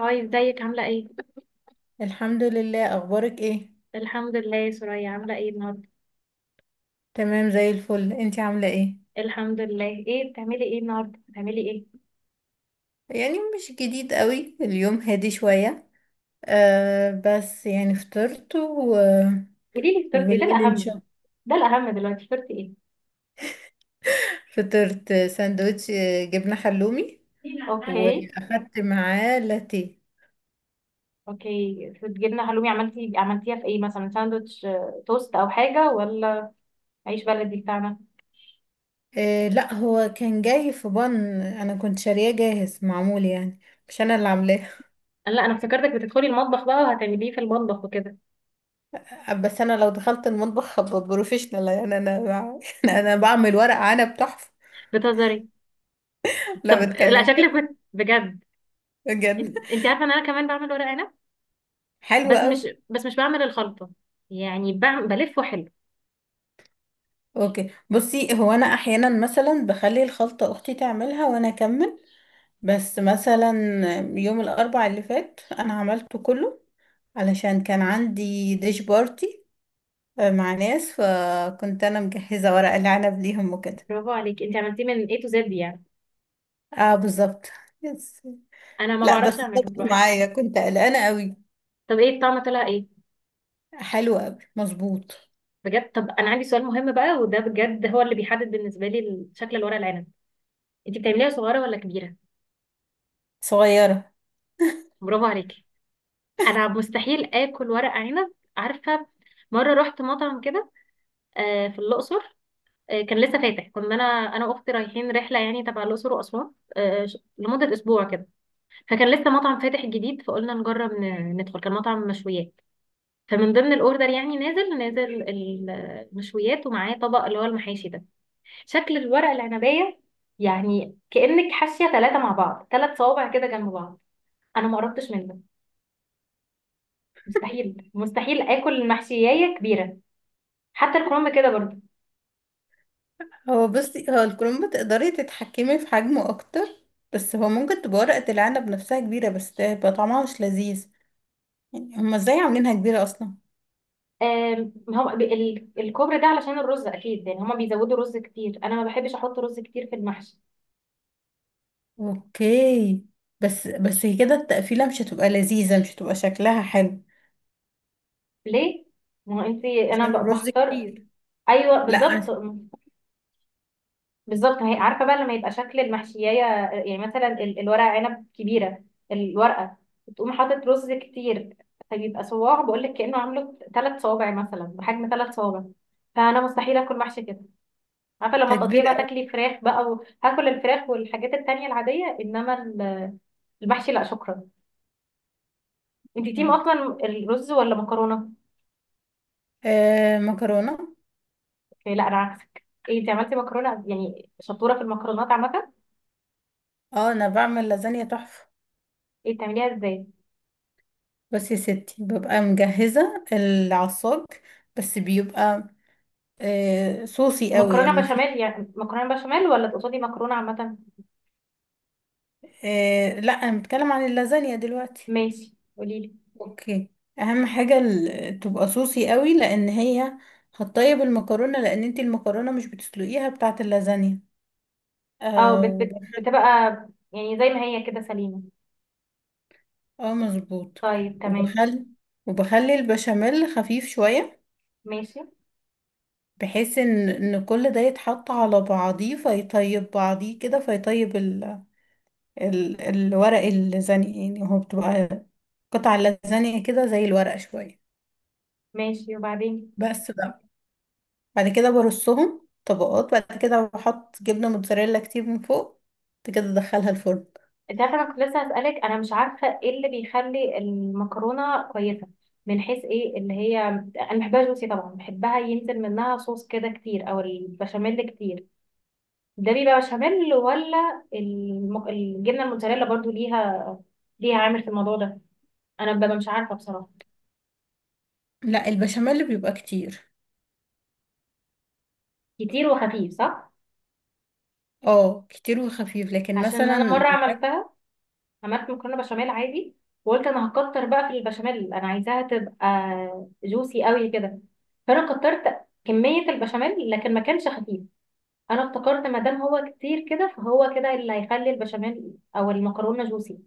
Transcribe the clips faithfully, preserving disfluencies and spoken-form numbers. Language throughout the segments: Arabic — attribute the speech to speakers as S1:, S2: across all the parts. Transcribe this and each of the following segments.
S1: هاي، ازيك؟ عاملة ايه؟
S2: الحمد لله، اخبارك ايه؟
S1: الحمد لله. يا سوريا، عاملة ايه النهاردة؟
S2: تمام زي الفل، انتي عامله ايه؟
S1: الحمد لله. ايه بتعملي ايه النهاردة؟ بتعملي ايه؟
S2: يعني مش جديد قوي اليوم، هادي شويه. آه بس يعني فطرت و...
S1: قولي لي فطرتي، ده
S2: وبالليل ان
S1: الأهم.
S2: شاء الله.
S1: ده الأهم دلوقتي، فطرتي ايه؟
S2: فطرت ساندوتش آه، جبنه حلومي،
S1: اوكي.
S2: واخدت معاه لاتيه.
S1: اوكي، فطرنا حلومي. عملتي عملتيها في ايه؟ مثلا ساندوتش، آه، توست او حاجة، ولا عيش بلدي بتاعنا؟
S2: آه لا، هو كان جاي في بن، انا كنت شارياه جاهز معمول يعني، مش انا اللي عاملاه.
S1: لا، انا افتكرتك بتدخلي المطبخ بقى وهتعمليه في المطبخ وكده.
S2: بس انا لو دخلت المطبخ هبقى بروفيشنال يعني، انا بع- انا بعمل ورق عنب تحفه.
S1: بتهزري؟ طب
S2: لا،
S1: لا،
S2: بتكلم
S1: شكلك
S2: جد.
S1: بت- بجد.
S2: بجد.
S1: انت عارفة ان انا كمان بعمل ورق عنب،
S2: حلو
S1: بس
S2: قوي.
S1: مش بس مش بعمل الخلطة. يعني بعمل بلفه. حلو.
S2: اوكي، بصي، هو انا احيانا مثلا بخلي الخلطه اختي تعملها وانا اكمل، بس مثلا يوم الاربع اللي فات انا عملته كله، علشان كان عندي ديش بارتي، آه، مع ناس، فكنت انا مجهزه ورق العنب ليهم وكده.
S1: برافو عليك، انت عملتيه من A to Z يعني.
S2: اه بالظبط. يس.
S1: انا ما
S2: لا بس
S1: بعرفش اعمله
S2: ظبط
S1: لوحدي.
S2: معايا، كنت قلقانه قوي.
S1: طب ايه الطعم؟ طلع ايه؟
S2: حلو قوي، مظبوط.
S1: بجد؟ طب انا عندي سؤال مهم بقى، وده بجد هو اللي بيحدد بالنسبه لي شكل الورق العنب. انت بتعمليها صغيره ولا كبيره؟
S2: صغيره.
S1: برافو عليكي. انا مستحيل اكل ورق عنب، عارفه. مره رحت مطعم كده، آه، في الاقصر. آه، كان لسه فاتح. كنا انا، انا واختي رايحين رحله يعني تبع الاقصر واسوان، آه، ش- لمده اسبوع كده. فكان لسه مطعم فاتح جديد، فقلنا نجرب ن- ندخل. كان مطعم مشويات، فمن ضمن الاوردر يعني نازل نازل ال- المشويات، ومعاه طبق اللي هو المحاشي ده. شكل الورق العنبية يعني، كأنك حاشية ثلاثة مع بعض، ثلاث صوابع كده جنب بعض. انا ما قربتش منه. مستحيل مستحيل اكل المحشية كبيرة، حتى الكرنب كده برضه.
S2: هو بصي، هو الكروم تقدري تتحكمي في حجمه اكتر، بس هو ممكن تبقى ورقة العنب نفسها كبيرة بس تبقى طعمها مش لذيذ. يعني هما ازاي عاملينها كبيرة اصلا؟
S1: آم، هو ب- ال- الكوبرا ده علشان الرز اكيد، يعني هما بيزودوا رز كتير. انا ما بحبش احط رز كتير في المحشي.
S2: اوكي، بس بس هي كده التقفيلة مش هتبقى لذيذة، مش هتبقى شكلها حلو.
S1: ليه؟ ما هو انت، انا
S2: عشان
S1: ب-
S2: الرز
S1: بختار.
S2: كتير.
S1: ايوه،
S2: لا،
S1: بالظبط. بالظبط، هي عارفه بقى، لما يبقى شكل المحشيه، يعني مثلا ال- الورقه عنب كبيره، الورقه، تقوم حاطط رز كتير، فبيبقى صواع، بقول لك كانه عامله ثلاث صوابع، مثلا بحجم ثلاث صوابع. فانا مستحيل اكل محشي كده. عارفه لما
S2: ده
S1: تقضيه
S2: كبير
S1: بقى،
S2: أوي.
S1: تاكلي فراخ بقى، وهاكل الفراخ والحاجات التانية العاديه، انما ال- المحشي لا شكرا. انت تيم
S2: اوكي.
S1: اصلا الرز ولا مكرونه؟
S2: آه، مكرونة.
S1: إيه، لا انا عكسك. ايه انت عملتي؟ مكرونه؟ يعني شطوره في المكرونات عامه.
S2: اه انا بعمل لازانيا تحفة.
S1: ايه؟ بتعمليها ازاي؟
S2: بس يا ستي، ببقى مجهزة العصاج، بس بيبقى آه صوصي قوي
S1: مكرونه
S2: يعني
S1: بشاميل؟
S2: في...
S1: يعني مكرونه بشاميل ولا تقصدي مكرونه عامه؟
S2: آه لا، انا بتكلم عن اللازانيا دلوقتي.
S1: ماشي، قولي لي.
S2: اوكي، اهم حاجه ال- تبقى صوصي قوي، لان هي هتطيب المكرونه، لان انت المكرونه مش بتسلقيها بتاعه اللازانيا.
S1: اه،
S2: آه
S1: بت
S2: وب...
S1: بت بتبقى يعني زي ما هي كده، سليمه.
S2: اه مظبوط.
S1: طيب، تمام.
S2: وبخل وبخلي البشاميل خفيف شويه،
S1: ماشي.
S2: بحيث ان ان كل ده يتحط على بعضيه فيطيب بعضيه كده، فيطيب ال... ال... الورق اللازانيا يعني، هو بتبقى قطع اللازانيا كده زي الورق شويه.
S1: ماشي، وبعدين؟
S2: بس بقى بعد كده برصهم طبقات، بعد كده بحط جبنة موتزاريلا كتير من فوق، بعد كده ادخلها الفرن.
S1: انت عارفه، انا كنت لسه هسالك، انا مش عارفه ايه اللي بيخلي المكرونه كويسه، من حيث ايه اللي هي. انا بحبها جوسي طبعا، بحبها ينزل منها صوص كده كتير، او البشاميل كتير. ده بيبقى بشاميل، ولا الم... الجبنه الموتزاريلا برضو ليها، ليها عامل في الموضوع ده؟ انا ببقى مش عارفه بصراحه.
S2: لا، البشاميل بيبقى كتير.
S1: كتير وخفيف، صح؟
S2: اه كتير وخفيف، لكن
S1: عشان انا
S2: مثلا
S1: مره
S2: بحب.
S1: عملتها، عملت مكرونه بشاميل عادي، وقلت انا هكتر بقى في البشاميل، انا عايزاها تبقى جوسي قوي كده، فانا كترت كميه البشاميل، لكن ما كانش خفيف. انا افتكرت، ما دام هو كتير كده، فهو كده اللي هيخلي البشاميل او المكرونه جوسي.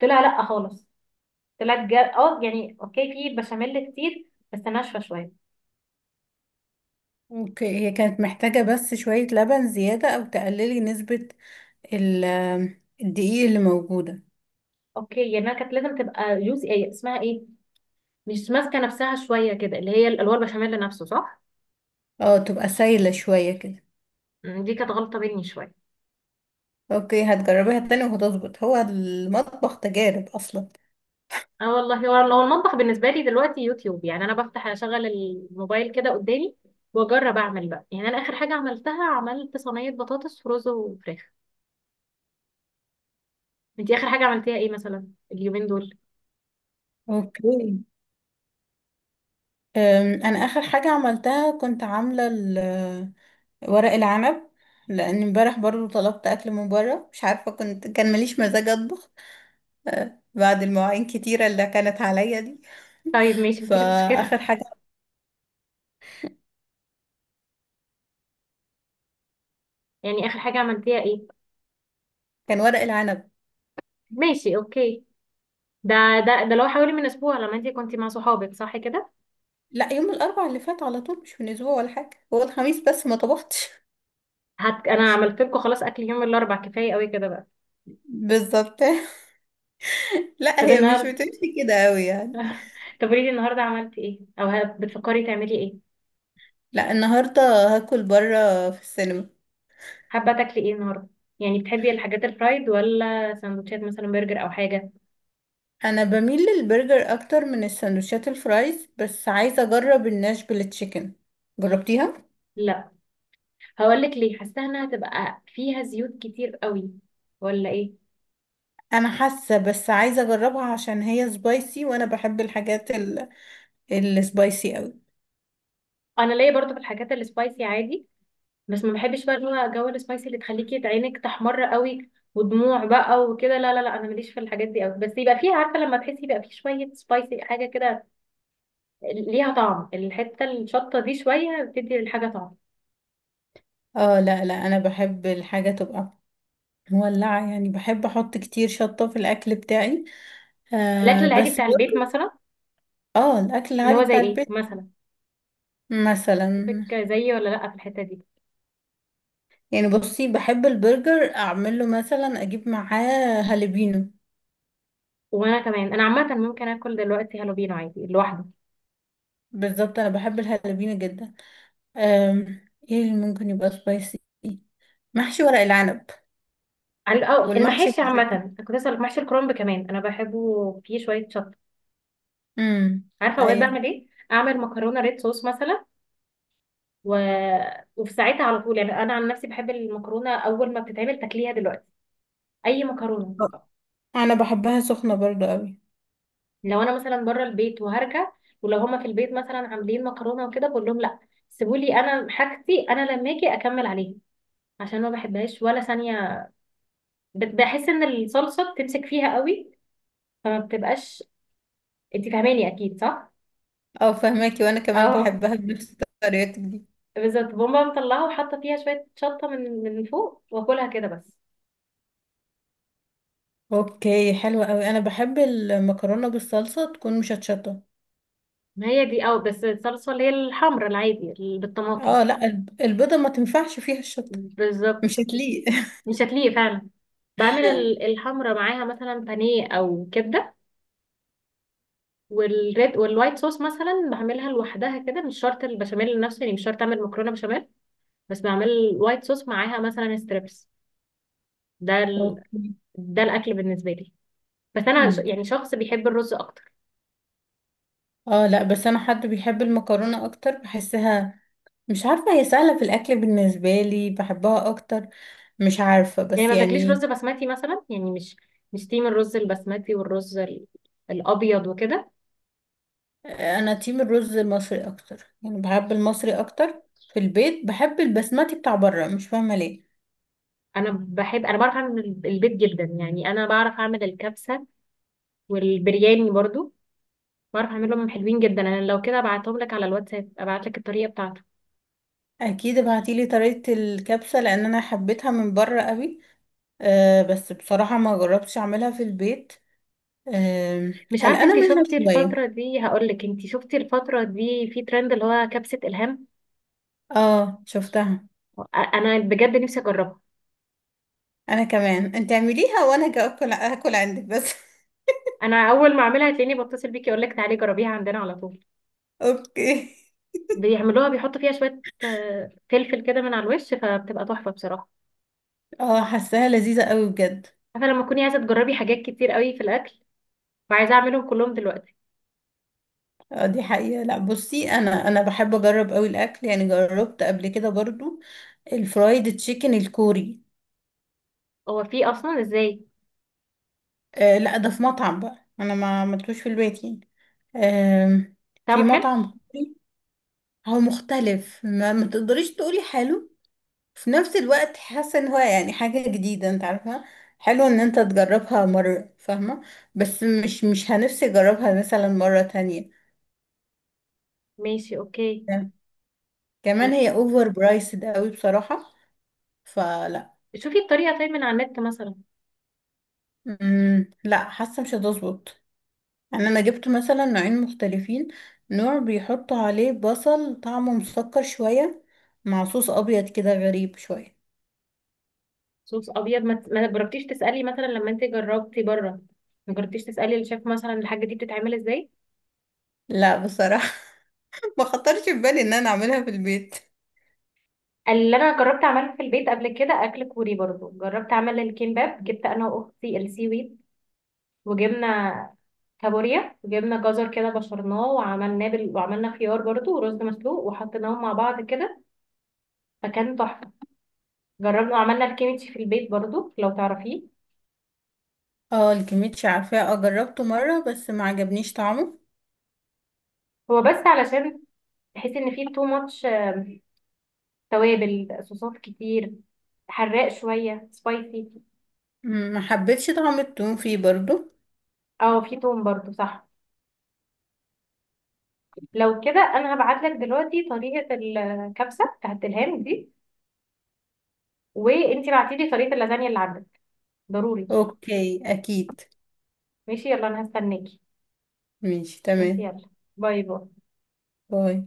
S1: طلع لا خالص. طلعت جا... اه يعني اوكي، في بشاميل كتير بس ناشفه شويه.
S2: ك- هي كانت محتاجة بس شوية لبن زيادة او تقللي نسبة ال- الدقيق اللي موجودة.
S1: اوكي، يعني أنا كانت لازم تبقى جوسي، ايه اسمها، ايه، مش ماسكه نفسها شويه كده، اللي هي الالوان البشاميل نفسه، صح؟
S2: اه تبقى سايلة شوية كده.
S1: مم، دي كانت غلطة مني شوية.
S2: اوكي هتجربيها تاني وهتظبط، هو المطبخ تجارب اصلا.
S1: اه والله، هو هو المطبخ بالنسبة لي دلوقتي يوتيوب يعني. انا بفتح اشغل الموبايل كده قدامي واجرب اعمل بقى، يعني انا اخر حاجة عملتها، عملت صينية بطاطس ورز وفراخ. انتي اخر حاجة عملتيها ايه، مثلا اليومين دول؟
S2: اوكي. أم، انا اخر حاجه عملتها كنت عامله ال- ورق العنب، لان امبارح برضو طلبت اكل من بره، مش عارفه كنت كان ماليش مزاج اطبخ، أه، بعد المواعين كتيره اللي كانت عليا دي.
S1: طيب ماشي، مفيش مشكلة.
S2: فاخر حاجه
S1: يعني اخر حاجة عملتيها ايه؟
S2: كان ورق العنب.
S1: ماشي، اوكي. ده ده ده لو حوالي من اسبوع، لما انتي كنتي مع صحابك، صح كده؟
S2: لا يوم الاربع اللي فات على طول، مش من اسبوع ولا حاجه، هو الخميس بس ما طبختش.
S1: هت... انا عملت لكم خلاص، اكل يوم الاربع كفاية قوي كده بقى.
S2: بالظبط. لا
S1: طب
S2: هي مش
S1: النهارده؟
S2: بتمشي كده قوي يعني.
S1: طب قولي لي النهارده عملتي ايه، او ه- بتفكري تعملي ايه؟
S2: لا النهارده هاكل بره في السينما.
S1: حابة تاكلي ايه النهاردة؟ يعني بتحبي الحاجات الفرايد، ولا سندوتشات مثلا برجر او حاجة؟
S2: انا بميل للبرجر اكتر من السندوتشات الفرايز، بس عايزه اجرب الناشفيل تشيكن. جربتيها؟
S1: لا. هقولك ليه، حاسة انها هتبقى فيها زيوت كتير قوي، ولا ايه؟
S2: انا حاسه، بس عايزه اجربها عشان هي سبايسي، وانا بحب الحاجات ال- السبايسي قوي.
S1: انا ليا برضو في الحاجات السبايسي عادي، بس ما بحبش بقى اللي هو جو السبايسي اللي تخليكي عينك تحمر قوي ودموع بقى وكده، لا لا لا، انا ماليش في الحاجات دي قوي، بس يبقى فيها، عارفة، لما تحسي يبقى فيه شوية سبايسي، حاجة كده، ليها طعم، الحتة الشطة دي شوية بتدي للحاجة طعم.
S2: اه لا لا، انا بحب الحاجه تبقى مولعه يعني، بحب احط كتير شطه في الاكل بتاعي.
S1: الاكل
S2: آه
S1: العادي
S2: بس
S1: بتاع البيت
S2: برضه
S1: مثلا؟
S2: اه الاكل
S1: اللي هو
S2: العادي
S1: زي
S2: بتاع
S1: ايه
S2: البيت
S1: مثلا؟
S2: مثلا.
S1: شوفك زيي ولا لا في الحتة دي.
S2: يعني بصي، بحب البرجر اعمله مثلا اجيب معاه هالبينو.
S1: وانا كمان، انا عامه ممكن اكل دلوقتي هالو بينو عادي لوحده.
S2: بالظبط، انا بحب الهالبينو جدا. أم، ايه اللي ممكن يبقى سبايسي؟ محشي ورق العنب
S1: عن- اه
S2: والمحشي
S1: المحاشي عامه، أنا
S2: المشكل.
S1: كنت اسالك، محشي الكرنب كمان انا بحبه فيه شويه شطه.
S2: امم.
S1: عارفه اوقات
S2: ايوه.
S1: بعمل ايه؟ اعمل مكرونه ريد صوص مثلا، و... وفي ساعتها على طول، يعني انا عن نفسي بحب المكرونه اول ما بتتعمل تاكليها دلوقتي، اي مكرونه.
S2: انا بحبها سخنه برضو قوي.
S1: لو انا مثلا بره البيت وهرجع، ولو هما في البيت مثلا عاملين مكرونه وكده، بقول لهم لا، سيبولي انا حاجتي، انا لما اجي اكمل عليها، عشان ما بحبهاش ولا ثانيه، بت- بحس ان الصلصه بتمسك فيها قوي، فما بتبقاش. انت فاهماني اكيد، صح؟
S2: او فهماكي، وانا كمان
S1: اهو.
S2: بحبها بنفس طريقتك دي.
S1: بالظبط، بقوم مطلعه، وحاطه فيها شويه شطه من من فوق، واكلها كده بس.
S2: اوكي حلوه قوي، انا بحب المكرونه بالصلصه تكون مشطشطه.
S1: ما هي دي، اه بس الصلصة اللي هي الحمرا العادي اللي بالطماطم.
S2: اه لا، الب- البيضه ما تنفعش فيها الشطه، مش
S1: بالظبط.
S2: هتليق.
S1: مش هتليق فعلا. بعمل ال- الحمرا معاها مثلا بانيه او كبده. والريد والوايت صوص مثلا بعملها لوحدها كده، مش شرط البشاميل نفسه، يعني مش شرط اعمل مكرونه بشاميل، بس بعمل الوايت صوص معاها مثلا ستريبس. ده ال...
S2: اوكي.
S1: ده الاكل بالنسبه لي، بس انا ش-
S2: امم.
S1: يعني شخص بيحب الرز اكتر.
S2: اه لا، بس انا حد بيحب المكرونه اكتر بحسها، مش عارفه، هي سهله في الاكل بالنسبه لي، بحبها اكتر، مش عارفة
S1: يعني
S2: بس
S1: ما بتاكليش رز
S2: يعني.
S1: بسمتي مثلا، يعني مش، مش تيم الرز البسمتي والرز ال- الابيض وكده؟
S2: أنا تيم الرز المصري أكتر، يعني بحب المصري أكتر، في البيت بحب البسمتي بتاع بره، مش فاهمة ليه.
S1: انا بحب انا بعرف اعمل الب- البيض جدا، يعني انا بعرف اعمل الكبسه والبرياني برضو، بعرف اعملهم حلوين جدا. انا لو كده ابعتهم لك على الواتساب، ابعت لك الطريقه بتاعته.
S2: أكيد ابعتيلي طريقة الكبسة، لأن أنا حبيتها من بره قوي، أه بس بصراحة ما جربتش أعملها في البيت. آم،
S1: مش عارفه
S2: قلقانة
S1: انت
S2: منها
S1: شفتي
S2: شوية.
S1: الفتره دي، هقول لك، انت شفتي الفتره دي في ترند اللي هو كبسه الهام؟
S2: اه شفتها.
S1: أ- انا بجد نفسي اجربها.
S2: أنا كمان، أنت اعمليها وأنا هاجي أكل أكل عندك بس.
S1: انا اول ما اعملها هتلاقيني بتصل بيكي، اقول لك تعالي جربيها عندنا على طول.
S2: أوكي.
S1: بيعملوها بيحطوا فيها شوية، آه، فلفل كده من على الوش، فبتبقى تحفة بصراحة.
S2: اه حاساها لذيذة قوي بجد.
S1: عارفة لما تكوني عايزة تجربي حاجات كتير قوي في الأكل، وعايزة أعملهم كلهم دلوقتي.
S2: اه دي حقيقة، لا بصي، انا انا بحب اجرب قوي الاكل، يعني جربت قبل كده برضو الفرايد تشيكن الكوري.
S1: هو في أصلا؟ إزاي؟
S2: آه لا، ده في مطعم بقى، انا ما عملتوش في البيت يعني. آه في
S1: طعمه حلو؟
S2: مطعم كوري. هو مختلف، ما, ما تقدريش تقولي حلو، في نفس الوقت حاسة ان هو يعني حاجة جديدة، انت عارفة، حلو ان انت تجربها مرة، فاهمة؟ بس مش مش هنفسي اجربها مثلا مرة تانية.
S1: ماشي، أوكي. لا،
S2: كمان هي اوفر برايسد قوي بصراحة، فلا.
S1: شوفي الطريقة طيب من على النت مثلا.
S2: امم لا، حاسه مش هتظبط. يعني انا جبت مثلا نوعين مختلفين، نوع بيحطوا عليه بصل طعمه مسكر شويه، مع صوص ابيض كده غريب شويه.
S1: صوص أبيض. ما ما جربتيش تسألي مثلا لما أنت جربتي بره؟ ما جربتيش تسألي الشيف مثلا الحاجة دي بتتعمل إزاي؟
S2: لا بصراحه. ما خطرش في بالي ان انا اعملها في البيت.
S1: اللي أنا جربت أعمله في البيت قبل كده أكل كوري برضو، جربت أعمل الكيمباب. جبت أنا وأختي السي ويد، وجبنا كابوريا، وجبنا جزر كده بشرناه وعملناه بال... وعملنا خيار برضو، ورز مسلوق، وحطيناهم مع بعض كده، فكان تحفة. جربنا وعملنا الكيميتشي في البيت برضو، لو تعرفيه.
S2: اه الكميتش عارفاه، اه جربته مره بس ما عجبنيش طعمه.
S1: هو بس علشان تحس ان فيه تو ماتش، توابل، صوصات كتير، حراق، شوية سبايسي.
S2: مم، ما حبيتش طعم التوم فيه برضو.
S1: اه في توم برضو، صح. لو كده، انا هبعت لك دلوقتي طريقة الكبسة بتاعت الهام دي، وانتي بعتيلي طريقة اللازانيا اللي عندك، ضروري.
S2: اوكي اكيد.
S1: ماشي، يلا، انا هستناكي.
S2: ماشي
S1: ماشي،
S2: تمام.
S1: يلا. باي باي.
S2: باي.